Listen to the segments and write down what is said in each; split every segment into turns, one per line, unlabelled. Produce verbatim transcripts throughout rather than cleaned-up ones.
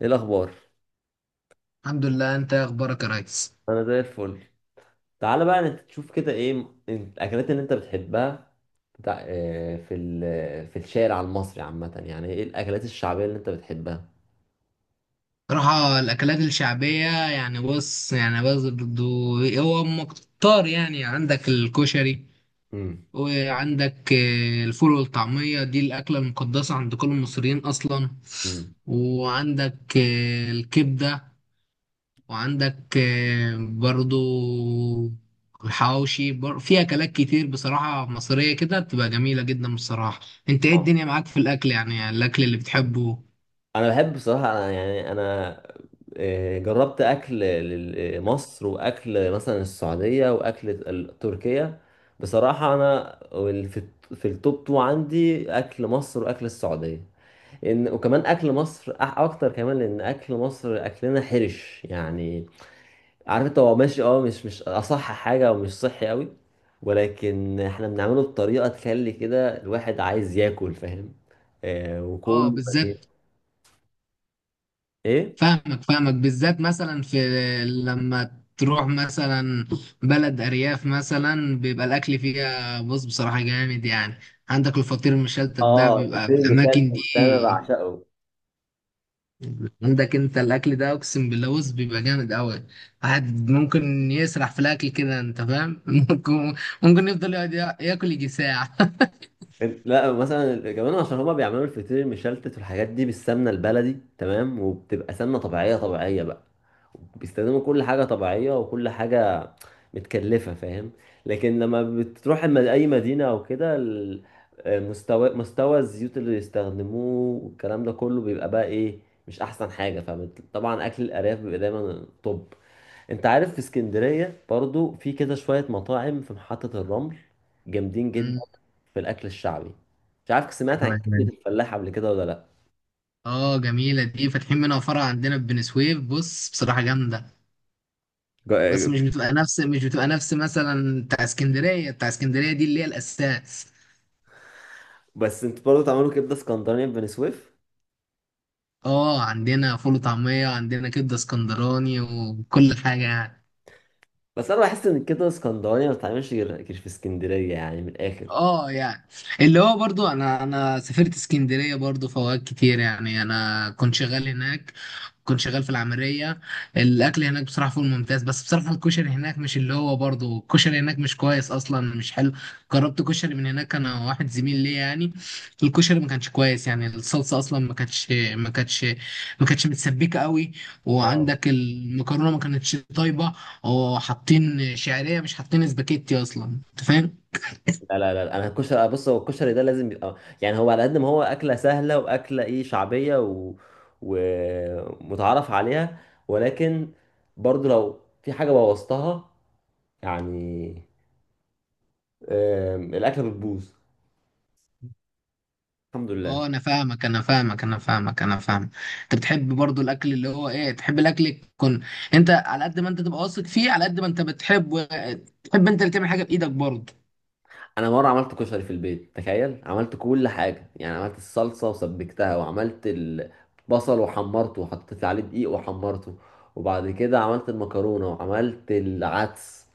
ايه الاخبار؟
الحمد لله، انت ايه اخبارك يا ريس؟
انا زي الفل. تعالى بقى، انت تشوف كده ايه م- الاكلات اللي انت بتحبها بتاع. آه، في ال- في الشارع المصري عامه، يعني ايه الاكلات الشعبيه اللي انت بتحبها؟
صراحة الاكلات الشعبية يعني بص يعني بص برضو. هو مكتار يعني عندك الكشري،
امم.
وعندك آه، الفول والطعمية دي الاكلة المقدسة عند كل المصريين اصلا.
امم.
وعندك آه، الكبدة. وعندك آه، برضو الحواوشي بر- في اكلات كتير بصراحة مصرية كده بتبقى جميلة جدا بصراحة. انت ايه
آه.
الدنيا معاك في الاكل؟ يعني الاكل اللي بتحبه.
انا بحب بصراحه، انا يعني انا آه، جربت اكل لل- آه، مصر، واكل مثلا السعوديه، واكل ال- تركيا. بصراحه انا وال- في الت- في التوب تو عندي اكل مصر واكل السعوديه. ان وكمان اكل مصر أح- اكتر، كمان لان اكل مصر اكلنا حرش يعني. عارف انت، هو ماشي، اه مش مش اصح حاجه ومش صحي قوي، ولكن احنا بنعمله بطريقه تخلي كده الواحد عايز ياكل، فاهم؟ آه
اه
وكل.
بالذات،
ايه؟
فاهمك فاهمك بالذات مثلا في لما تروح مثلا بلد ارياف، مثلا بيبقى الاكل فيها بص بصراحه جامد يعني. عندك الفطير المشلتت ده
اه،
بيبقى
الفطير
في الاماكن
المشلتت ده انا
دي.
بعشقه.
عندك انت الاكل ده اقسم بالله بص بيبقى جامد قوي. واحد ممكن يسرح في الاكل كده، انت فاهم؟ ممكن ممكن يفضل يقعد يا- ياكل يجي ساعه.
لا، مثلا كمان عشان هما بيعملوا الفطير المشلتت والحاجات دي بالسمنه البلدي، تمام، وبتبقى سمنه طبيعيه طبيعيه بقى. بيستخدموا كل حاجه طبيعيه وكل حاجه متكلفه، فاهم؟ لكن لما بتروح الم- اي مدينه او كده، ال- مستوى مستوى الزيوت اللي بيستخدموه والكلام ده كله بيبقى بقى ايه؟ مش احسن حاجه. فطبعا اكل الارياف بيبقى دايما طب. انت عارف، في اسكندرية برضو في كده شوية مطاعم في محطة الرمل جامدين جدا
أمم،
في الأكل الشعبي. مش عارف سمعت عن
أيوة، أيوة.
كبدة الفلاح قبل كده ولا لأ.
اه جميله دي، فاتحين منها فرع عندنا في بني سويف، بص بصراحه جامده. بس
جا-
مش بتبقى نفس مش بتبقى نفس مثلا بتاع اسكندريه بتاع اسكندريه دي اللي هي الاساس.
بس انت برضو تعملوا كبدة اسكندرانية في بني سويف؟
اه عندنا فول وطعميه، عندنا كبده اسكندراني وكل حاجه يعني.
بس أنا بحس إن الكبدة الاسكندرانية ما بتتعملش غير غير في اسكندرية، يعني من الآخر.
اه يعني اللي هو برضو انا انا سافرت اسكندريه برضو، فوائد كتير يعني، انا كنت شغال هناك، كنت شغال في العملية. الأكل هناك بصراحة فوق الممتاز، بس بصراحة الكشري هناك مش اللي هو برضه، الكشري هناك مش كويس أصلا، مش حلو. جربت كشري من هناك أنا واحد زميل ليا يعني، الكشري ما كانش كويس يعني. الصلصة أصلا ما كانتش ما كانتش ما كانتش متسبكة قوي. وعندك المكرونة ما كانتش طيبة. وحاطين شعرية، مش حاطين اسباجيتي أصلا، أنت فاهم؟
لا لا لا، انا الكشري آه، بص، هو الكشري ده لازم يبقى، يعني هو على قد ما هو اكله سهله واكله ايه، شعبيه و... ومتعارف عليها، ولكن برضو لو في حاجه بوظتها، يعني آم، الاكله بتبوظ. الحمد لله.
اه، انا فاهمك انا فاهمك انا فاهمك، انا فاهم. انت بتحب برضو الاكل اللي هو ايه، تحب الاكل يكون، انت على قد ما انت تبقى واثق فيه، على قد ما انت بتحب تحب انت اللي تعمل حاجه بايدك برضو.
انا مره عملت كشري في البيت، تخيل، عملت كل حاجه، يعني عملت الصلصه وسبكتها، وعملت البصل وحمرته وحطيت عليه دقيق وحمرته، وبعد كده عملت المكرونه وعملت العدس.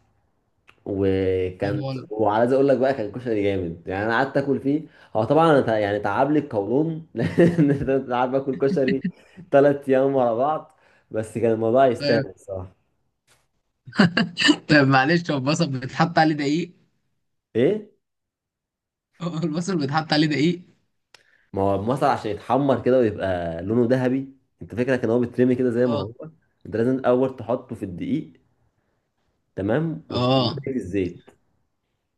طيب
وكان،
والله.
وعايز اقول لك بقى، كان كشري جامد، يعني انا قعدت اكل فيه. هو طبعا أنا تع- يعني تعب لي القولون لان أنا قاعد باكل كشري ثلاث ايام ورا بعض، بس كان الموضوع يستاهل
طيب
الصراحه.
طيب، معلش، هو البصل بيتحط عليه دقيق؟
ايه؟
هو البصل بيتحط عليه دقيق؟
ما هو المصل عشان يتحمر كده ويبقى لونه ذهبي. انت فاكرك ان هو بيترمي كده زي ما
اه،
هو؟ انت لازم الاول تحطه في الدقيق، تمام، وتقوم رميه
اه،
في الزيت.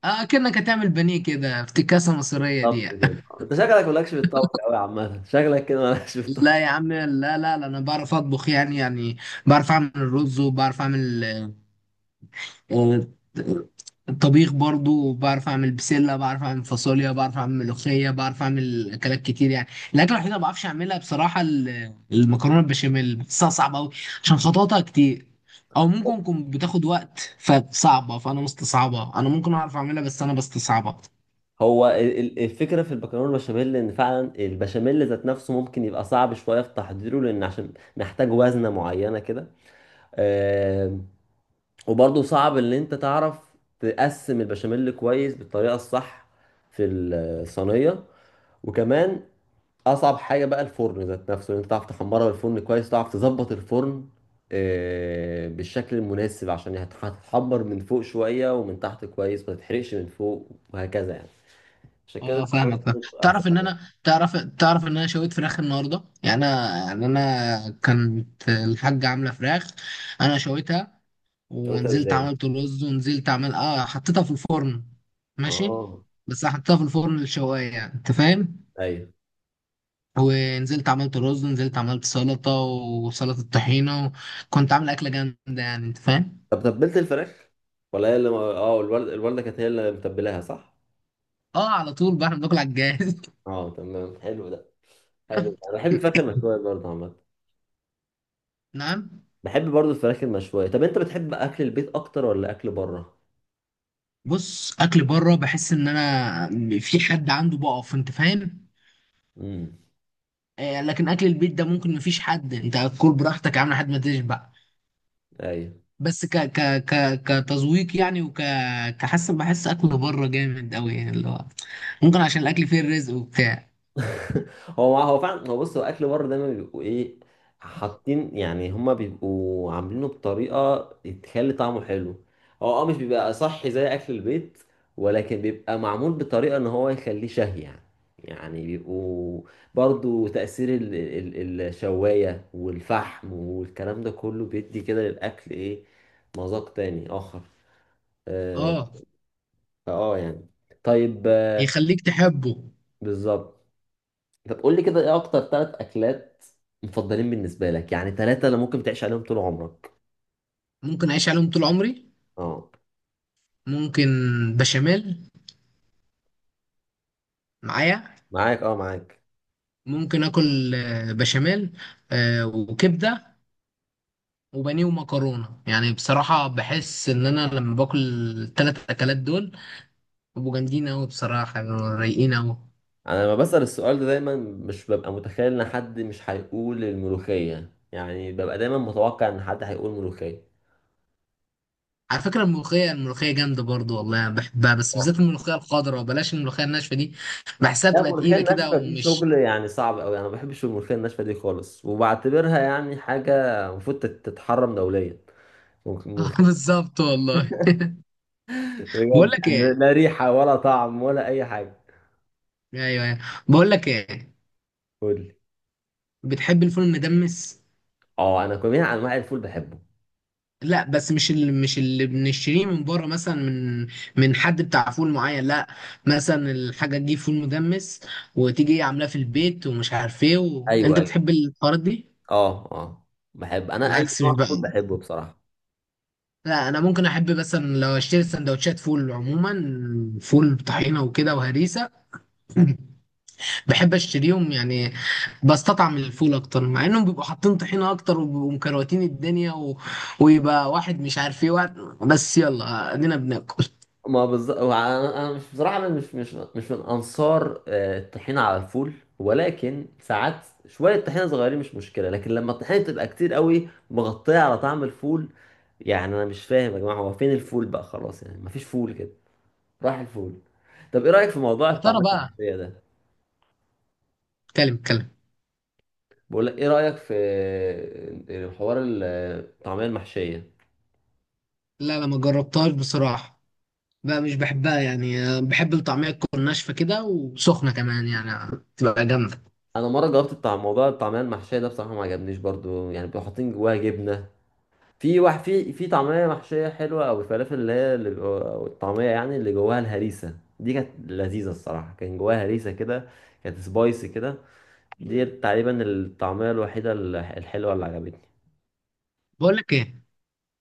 اه، كأنك هتعمل بانيه كده، افتكاسه مصريه دي.
بالظبط كده. انت شكلك مالكش في الطبخ قوي عامه، شكلك كده مالكش في الطبخ.
لا يا عم، لا لا لا، انا بعرف اطبخ يعني، يعني بعرف اعمل الرز، وبعرف اعمل آه، الطبيخ برضو، بعرف اعمل بسله، بعرف اعمل فاصوليا، بعرف اعمل ملوخيه، بعرف اعمل اكلات كتير يعني. الاكله الوحيده ما بعرفش اعملها بصراحه ال- المكرونه البشاميل، بحسها صعبه قوي، عشان خططها كتير، او ممكن تكون بتاخد وقت فصعبه، فانا مستصعبها، انا ممكن اعرف اعملها بس انا بستصعبها.
هو ال- ال- الفكرة في البكالوريا البشاميل إن فعلا البشاميل ذات نفسه ممكن يبقى صعب شوية في تحضيره، لأن عشان محتاج وزنة معينة كده. آم، وبرضه صعب إن أنت تعرف تقسم البشاميل كويس بالطريقة الصح في الصينية. وكمان أصعب حاجة بقى الفرن ذات نفسه، إن أنت تعرف تحمرها بالفرن كويس، تعرف تظبط الفرن آه، بالشكل المناسب، عشان هتح- هتتحمر من فوق شوية ومن تحت كويس، ما تتحرقش من فوق وهكذا يعني. عشان كده
اه فاهمك،
الموضوع
فاهم.
بيبقى
تعرف ان
صعب.
انا تعرف تعرف ان انا شويت فراخ النهارده، يعني انا يعني انا كانت الحاجه عامله فراخ، انا شويتها،
شويتها
ونزلت
ازاي؟
عملت رز، ونزلت عمل اه حطيتها في الفرن. ماشي.
اه.
بس حطيتها في الفرن الشوايه يعني، انت فاهم؟
ايوه.
ونزلت عملت رز، ونزلت عملت سلطه وسلطه طحينه، كنت عامل اكله جامده يعني، انت فاهم؟
طب تبلت الفراخ؟ ولا هي اللي اه الوالد الوالده كانت هي اللي متبلاها، صح؟
اه على طول بقى، احنا بناكل على الجاهز.
اه تمام، حلو ده، حلو. انا بحب الفراخ المشويه برضه عامه.
نعم.
بحب برضه الفراخ المشويه. طب انت بتحب اكل البيت اكتر ولا اكل بره؟
بص اكل بره بحس ان انا في حد عنده بقف، انت فاهم؟
امم.
آه، لكن اكل البيت ده ممكن مفيش حد، انت هتاكل براحتك يا عم لحد ما تشبع.
ايوه.
بس ك ك ك كتذويق يعني، وك كحس بحس اكل بره جامد قوي يعني، اللي هو ممكن عشان الاكل فيه الرزق وبتاع.
هو هو فعلا. هو بص، هو اكل بره دايما بيبقوا ايه؟ حاطين، يعني هما بيبقوا عاملينه بطريقه تخلي طعمه حلو. هو اه مش بيبقى صحي زي اكل البيت، ولكن بيبقى معمول بطريقه ان هو يخليه شهي، يعني. يعني بيبقوا، برضو تأثير ال ال ال- الشواية والفحم والكلام ده كله بيدي كده للأكل إيه، مذاق تاني آخر. آه،
اه
فآه يعني. طيب. آه،
يخليك تحبه.
بالظبط. طب قول لي كده، ايه اكتر ثلاث اكلات مفضلين بالنسبه لك؟ يعني ثلاثه اللي ممكن تعيش عليهم طول عمرك.
ممكن اعيش عليهم طول عمري،
اه
ممكن بشاميل معايا،
معاك، اه معاك.
ممكن اكل آه، بشاميل، آه، وكبده وبانيه ومكرونه. يعني بصراحه بحس ان انا لما باكل الثلاث اكلات دول، بيبقوا جامدين قوي، بصراحه بيبقوا رايقين قوي.
انا لما بسأل السؤال ده، دايما مش ببقى متخيل ان حد مش هيقول الملوخيه، يعني ببقى دايما متوقع ان حد هيقول ملوخيه.
على فكرة الملوخية الملوخية جامدة برضو والله، أنا بحبها، بس بالذات الملوخية الخضراء، بلاش الملوخية الناشفة دي، بحسها
لا،
بتبقى
الملوخيه
تقيلة كده
الناشفه دي
ومش
شغل يعني صعب قوي، انا ما بحبش الملوخيه الناشفه دي خالص، وبعتبرها يعني حاجه المفروض تت- تتحرم دوليا. ممكن
آه،
الملوخيه.
بالظبط والله. بقول
بجد
لك ايه.
يعني، لا ريحه ولا طعم ولا اي حاجه.
ايوه، ايوه. بقول لك ايه،
قول لي.
بتحب الفول المدمس؟
اه، انا جميع انواع الفول بحبه.
لا بس مش اللي مش اللي بنشتريه من بره مثلا، من من حد بتاع فول معين، لا مثلا الحاجة تجيب فول مدمس وتيجي عاملاه في البيت ومش عارف ايه و...
ايوه
انت
ايوه.
بتحب الحوارات دي؟
اه اه. بحب انا اي
العكس مش
نوع
بقى.
فول، بحبه بصراحه.
لا انا ممكن احب مثلا لو اشتري سندوتشات فول عموما، فول بطحينه وكده وهريسه. بحب اشتريهم يعني، بستطعم الفول اكتر، مع انهم بيبقوا حاطين طحينه اكتر وبيبقوا مكروتين الدنيا و... ويبقى واحد مش عارف ايه واحد، بس يلا ادينا بناكل.
ما بالظبط، انا أنا مش، بصراحه انا مش مش مش من انصار آه، الطحينه على الفول، ولكن ساعات شويه طحينه صغيرين مش مشكله، لكن لما الطحينه تبقى كتير قوي مغطيه على طعم الفول، يعني انا مش فاهم يا جماعه، هو فين الفول بقى؟ خلاص يعني، مفيش فول كده، راح الفول. طب ايه رايك في موضوع
يا ترى
الطعميه
بقى.
المحشيه ده؟
اتكلم اتكلم.
بقول لك، ايه رايك في آه، حوار الطعميه المحشيه؟
لا لا، ما جربتهاش بصراحه، بقى مش بحبها يعني، بحب الطعميه تكون ناشفه كده وسخنه كمان يعني، تبقى جامده.
انا مره جربت بتاع موضوع الطعميه المحشيه ده، بصراحه ما عجبنيش برضو يعني، بيبقوا حاطين جواها جبنه. في واحد، في في طعميه محشيه حلوه، او الفلافل اللي هي اللي بيبقوا- أو الطعميه يعني اللي جواها الهريسه دي، كانت لذيذه الصراحه، كان جواها هريسه كده، كانت سبايسي كده. دي تقريبا الطعميه الوحيده الح- الحلوه اللي عجبتني.
بقول لك ايه،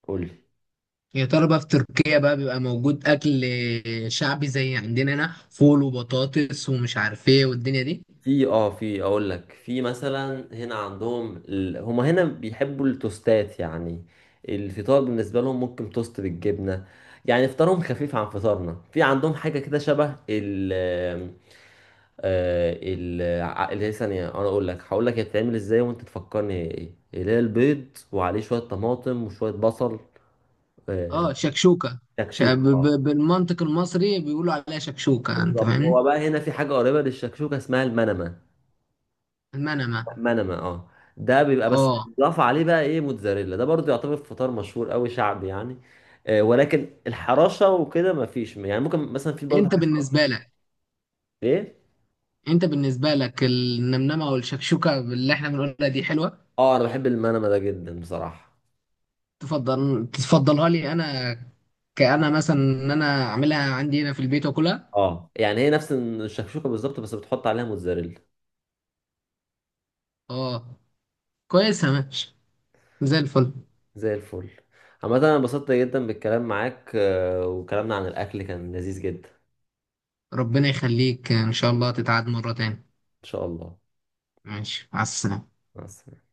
قول.
يا ترى بقى في تركيا بقى بيبقى موجود أكل شعبي زي عندنا هنا، فول وبطاطس ومش عارف إيه والدنيا دي؟
في اه، في، اقول لك، في مثلا هنا عندهم ال... هما هنا بيحبوا التوستات يعني، الفطار بالنسبه لهم ممكن توست بالجبنه. يعني فطارهم خفيف عن فطارنا. في عندهم حاجه كده شبه ال، آه، ال ع- اللي هي ثانيه، انا اقول لك، هقول لك هي بتتعمل ازاي وانت تفكرني هي ايه، اللي هي البيض وعليه شويه طماطم وشويه بصل. آه،
اه شكشوكة. ش- ب-
شكشوك، اه.
ب- بالمنطق المصري بيقولوا عليها شكشوكة، أنت
بالظبط. هو
فاهمني؟
بقى هنا في حاجه قريبه للشكشوكه اسمها المنمه.
المنمة،
منما، اه. ده بيبقى بس
اه.
اضاف عليه بقى ايه، موتزاريلا. ده برضو يعتبر فطار مشهور قوي شعبي يعني. آه، ولكن الحراشة وكده ما فيش، يعني ممكن مثلا في برضو
أنت
حاجة اسمها
بالنسبة لك
ايه.
أنت بالنسبة لك النمنمة والشكشوكة اللي إحنا بنقولها دي حلوة؟
اه، انا بحب المنما ده جدا بصراحة.
تفضل تفضلها لي أنا، كأنا مثلا إن أنا أعملها عندي هنا في البيت وأكلها؟
اه يعني هي نفس الشكشوكة بالظبط، بس بتحط عليها موتزاريلا.
اه كويسة، ماشي، زي الفل.
زي الفل. عامة انا انبسطت جدا بالكلام معاك، آه، وكلامنا عن الاكل كان لذيذ جدا.
ربنا يخليك، إن شاء الله تتعاد مرة تاني.
ان شاء الله.
ماشي، مع السلامة.
مع السلامة.